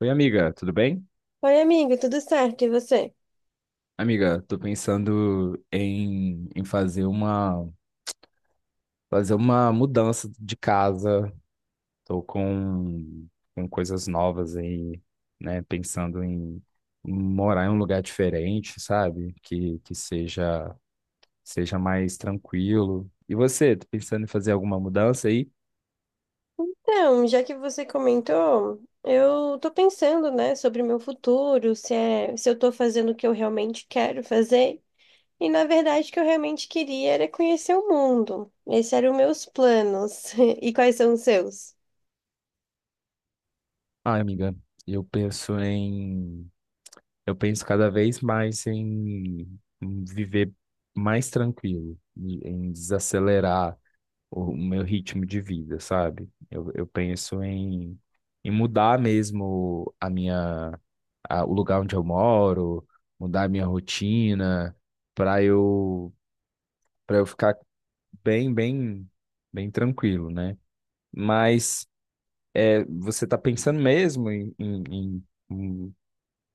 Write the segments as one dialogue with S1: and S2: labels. S1: Oi, amiga, tudo bem?
S2: Oi, amiga, tudo certo? E você?
S1: Amiga, tô pensando em fazer uma mudança de casa. Tô com coisas novas aí, né? Pensando em morar em um lugar diferente, sabe? Que seja mais tranquilo. E você, tá pensando em fazer alguma mudança aí?
S2: Então, já que você comentou, eu tô pensando, né, sobre o meu futuro, se eu tô fazendo o que eu realmente quero fazer. E na verdade, o que eu realmente queria era conhecer o mundo. Esses eram meus planos. E quais são os seus?
S1: Ah, amiga, eu penso em Eu penso cada vez mais em viver mais tranquilo, em desacelerar o meu ritmo de vida, sabe? Eu penso em mudar mesmo o lugar onde eu moro, mudar a minha rotina, para eu, para eu ficar bem, bem, bem tranquilo, né? Mas é, você tá pensando mesmo em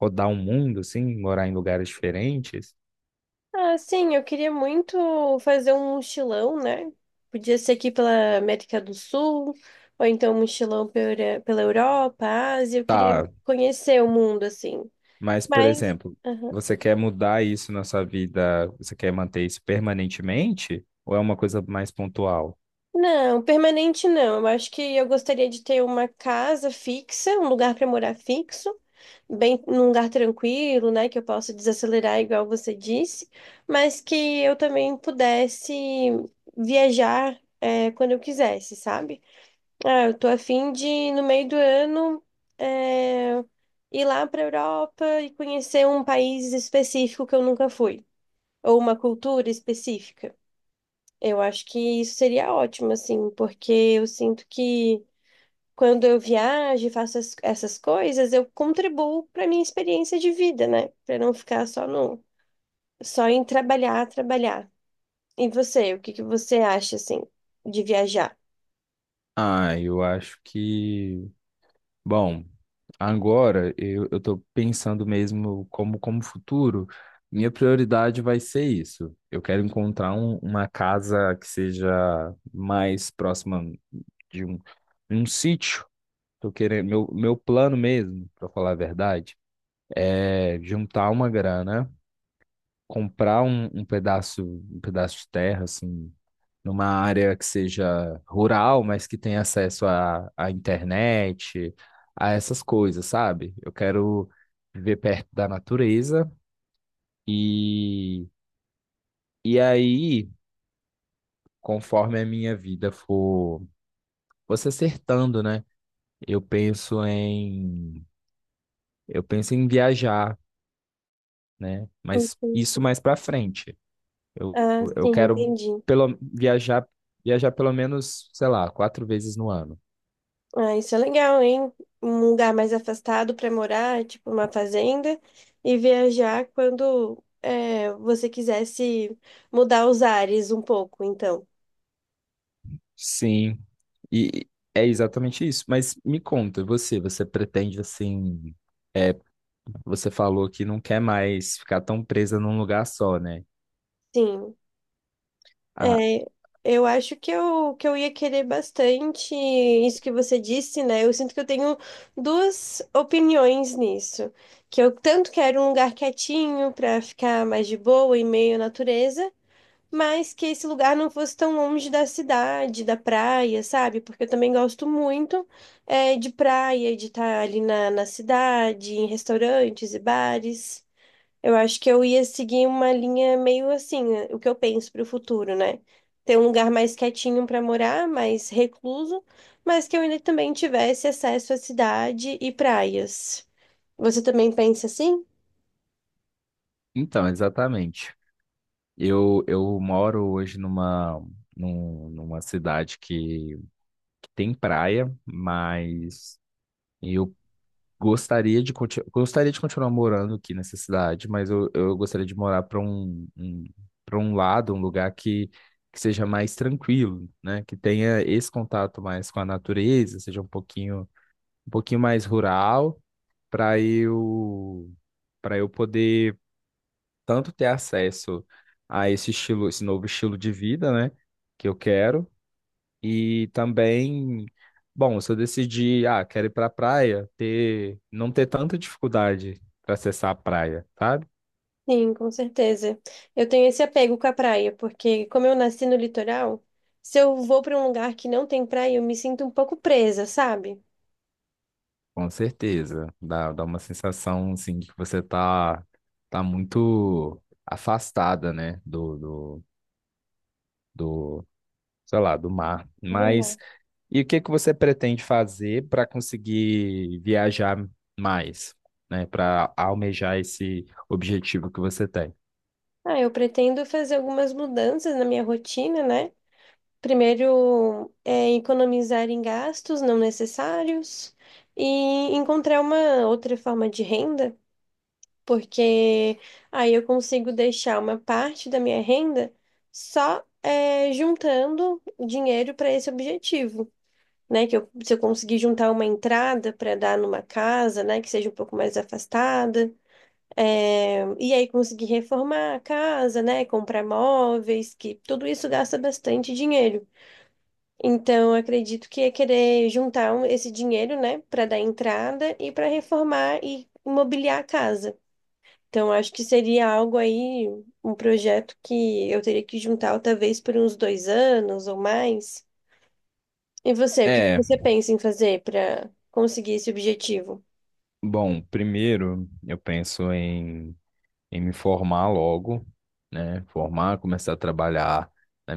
S1: rodar o mundo, assim, morar em lugares diferentes?
S2: Ah, sim, eu queria muito fazer um mochilão, né? Podia ser aqui pela América do Sul, ou então um mochilão pela Europa, Ásia. Eu queria
S1: Tá,
S2: conhecer o mundo, assim.
S1: mas por
S2: Mas.
S1: exemplo, você quer mudar isso na sua vida? Você quer manter isso permanentemente? Ou é uma coisa mais pontual?
S2: Não, permanente não. Eu acho que eu gostaria de ter uma casa fixa, um lugar para morar fixo, bem num lugar tranquilo, né, que eu possa desacelerar igual você disse, mas que eu também pudesse viajar quando eu quisesse, sabe? Ah, eu tô a fim de no meio do ano é, ir lá para Europa e conhecer um país específico que eu nunca fui, ou uma cultura específica. Eu acho que isso seria ótimo, assim, porque eu sinto que quando eu viajo e faço essas coisas, eu contribuo para minha experiência de vida, né? Para não ficar só no, só em trabalhar, trabalhar. E você, o que que você acha, assim, de viajar?
S1: Ah, eu acho que. Bom, agora eu tô pensando mesmo como futuro. Minha prioridade vai ser isso. Eu quero encontrar uma casa que seja mais próxima de um, um sítio. Tô querendo, meu plano mesmo, para falar a verdade, é juntar uma grana comprar um pedaço de terra, assim, numa área que seja rural, mas que tenha acesso à internet, a essas coisas, sabe? Eu quero viver perto da natureza e, e aí, conforme a minha vida for se acertando, né? Eu penso em, eu penso em viajar, né? Mas
S2: Uhum.
S1: isso mais para frente. Eu,
S2: Ah,
S1: eu
S2: sim,
S1: quero
S2: entendi.
S1: pelo, viajar, viajar pelo menos, sei lá, 4 vezes no ano.
S2: Ah, isso é legal, hein? Um lugar mais afastado para morar, tipo uma fazenda, e viajar quando você quisesse mudar os ares um pouco, então.
S1: Sim. E é exatamente isso. Mas me conta, você pretende assim, é, você falou que não quer mais ficar tão presa num lugar só, né?
S2: Sim.
S1: Ah,
S2: É, eu acho que eu ia querer bastante isso que você disse, né? Eu sinto que eu tenho duas opiniões nisso. Que eu tanto quero um lugar quietinho para ficar mais de boa, em meio à natureza, mas que esse lugar não fosse tão longe da cidade, da praia, sabe? Porque eu também gosto muito de praia, de estar na cidade, em restaurantes e bares. Eu acho que eu ia seguir uma linha meio assim, o que eu penso para o futuro, né? Ter um lugar mais quietinho para morar, mais recluso, mas que eu ainda também tivesse acesso à cidade e praias. Você também pensa assim?
S1: então, exatamente. Eu moro hoje numa cidade que tem praia, mas eu gostaria de continuar morando aqui nessa cidade, mas eu gostaria de morar para para um lado, um lugar que seja mais tranquilo, né? Que tenha esse contato mais com a natureza, seja um pouquinho mais rural, para eu, para eu poder tanto ter acesso a esse novo estilo de vida, né? Que eu quero e também, bom, se eu decidir, ah, quero ir pra praia, não ter tanta dificuldade para acessar a praia, sabe?
S2: Sim, com certeza. Eu tenho esse apego com a praia, porque como eu nasci no litoral, se eu vou para um lugar que não tem praia, eu me sinto um pouco presa, sabe?
S1: Com certeza. Dá uma sensação, assim, de que você tá, tá muito afastada, né? Do, sei lá, do mar.
S2: Do mar.
S1: Mas, e o que que você pretende fazer para conseguir viajar mais, né? Para almejar esse objetivo que você tem?
S2: Ah, eu pretendo fazer algumas mudanças na minha rotina, né? Primeiro, economizar em gastos não necessários e encontrar uma outra forma de renda, porque aí eu consigo deixar uma parte da minha renda só, juntando dinheiro para esse objetivo. Né? Se eu conseguir juntar uma entrada para dar numa casa, né? Que seja um pouco mais afastada. E aí conseguir reformar a casa, né? Comprar móveis, que tudo isso gasta bastante dinheiro. Então, eu acredito que é querer juntar esse dinheiro, né? Para dar entrada e para reformar e mobiliar a casa. Então, eu acho que seria algo aí, um projeto que eu teria que juntar talvez por uns dois anos ou mais. E você, o que que
S1: é
S2: você pensa em fazer para conseguir esse objetivo?
S1: Bom, primeiro eu penso em me formar logo, né? Formar, começar a trabalhar na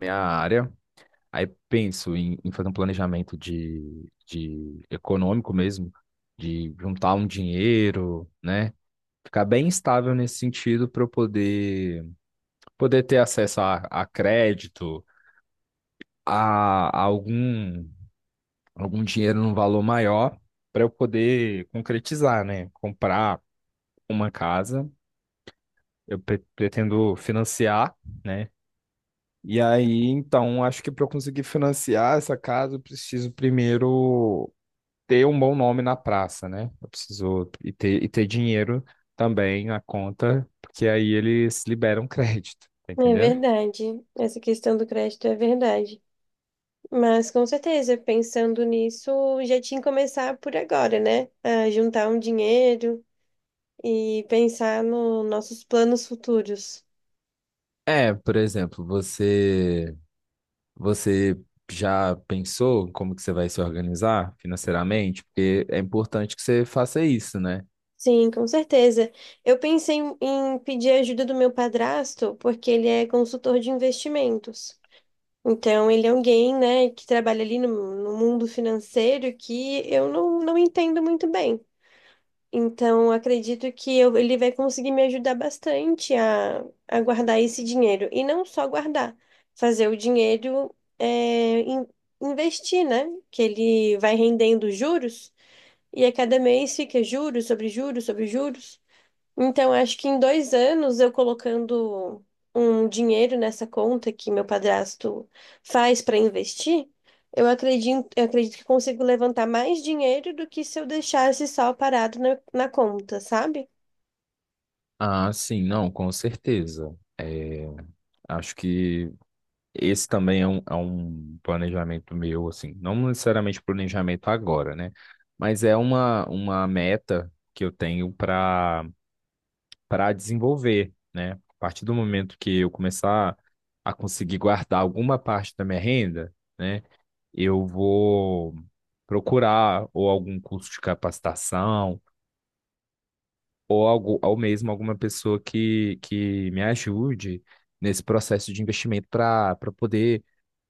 S1: minha área. Aí penso em fazer um planejamento de econômico mesmo, de juntar um dinheiro, né? Ficar bem estável nesse sentido poder ter acesso a crédito, a algum dinheiro num valor maior, para eu poder concretizar, né? Comprar uma casa. Eu pretendo financiar, né? E aí, então, acho que para eu conseguir financiar essa casa, eu preciso primeiro ter um bom nome na praça, né? Eu preciso e ter dinheiro também na conta, porque aí eles liberam crédito, tá
S2: É
S1: entendendo?
S2: verdade, essa questão do crédito é verdade. Mas com certeza, pensando nisso, já tinha que começar por agora, né? A juntar um dinheiro e pensar nos nossos planos futuros.
S1: É, por exemplo, você já pensou como que você vai se organizar financeiramente? Porque é importante que você faça isso, né?
S2: Sim, com certeza. Eu pensei em pedir ajuda do meu padrasto, porque ele é consultor de investimentos. Então, ele é alguém, né, que trabalha ali no, no mundo financeiro que eu não, não entendo muito bem. Então, acredito que ele vai conseguir me ajudar bastante a guardar esse dinheiro. E não só guardar, fazer o dinheiro investir, né? Que ele vai rendendo juros e a cada mês fica juros sobre juros sobre juros. Então, acho que em dois anos eu colocando um dinheiro nessa conta que meu padrasto faz para investir, eu acredito que consigo levantar mais dinheiro do que se eu deixasse só parado na conta, sabe?
S1: Ah, sim, não, com certeza. É, acho que Esse também é é um planejamento meu, assim, não necessariamente planejamento agora, né? Mas é uma meta que eu tenho para desenvolver, né? A partir do momento que eu começar a conseguir guardar alguma parte da minha renda, né? Eu vou procurar ou algum curso de capacitação ou algo, ou mesmo alguma pessoa que me ajude nesse processo de investimento para poder,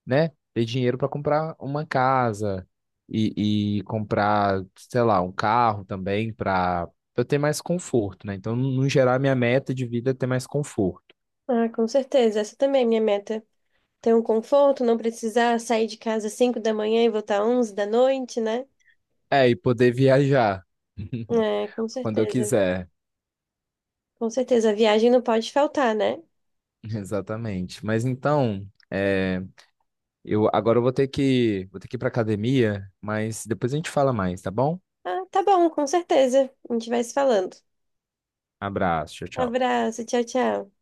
S1: né, ter dinheiro para comprar uma casa e comprar, sei lá, um carro também para eu ter mais conforto, né? Então, no geral, minha meta de vida é ter mais conforto.
S2: Ah, com certeza. Essa também é minha meta. Ter um conforto, não precisar sair de casa às 5 da manhã e voltar às 11 da noite, né?
S1: É, e poder viajar
S2: É, com
S1: quando eu
S2: certeza.
S1: quiser.
S2: Com certeza. A viagem não pode faltar, né?
S1: Exatamente. Mas então, é, eu agora eu vou ter que ir para academia, mas depois a gente fala mais, tá bom?
S2: Ah, tá bom, com certeza. A gente vai se falando.
S1: Abraço, tchau, tchau.
S2: Abraço, tchau, tchau.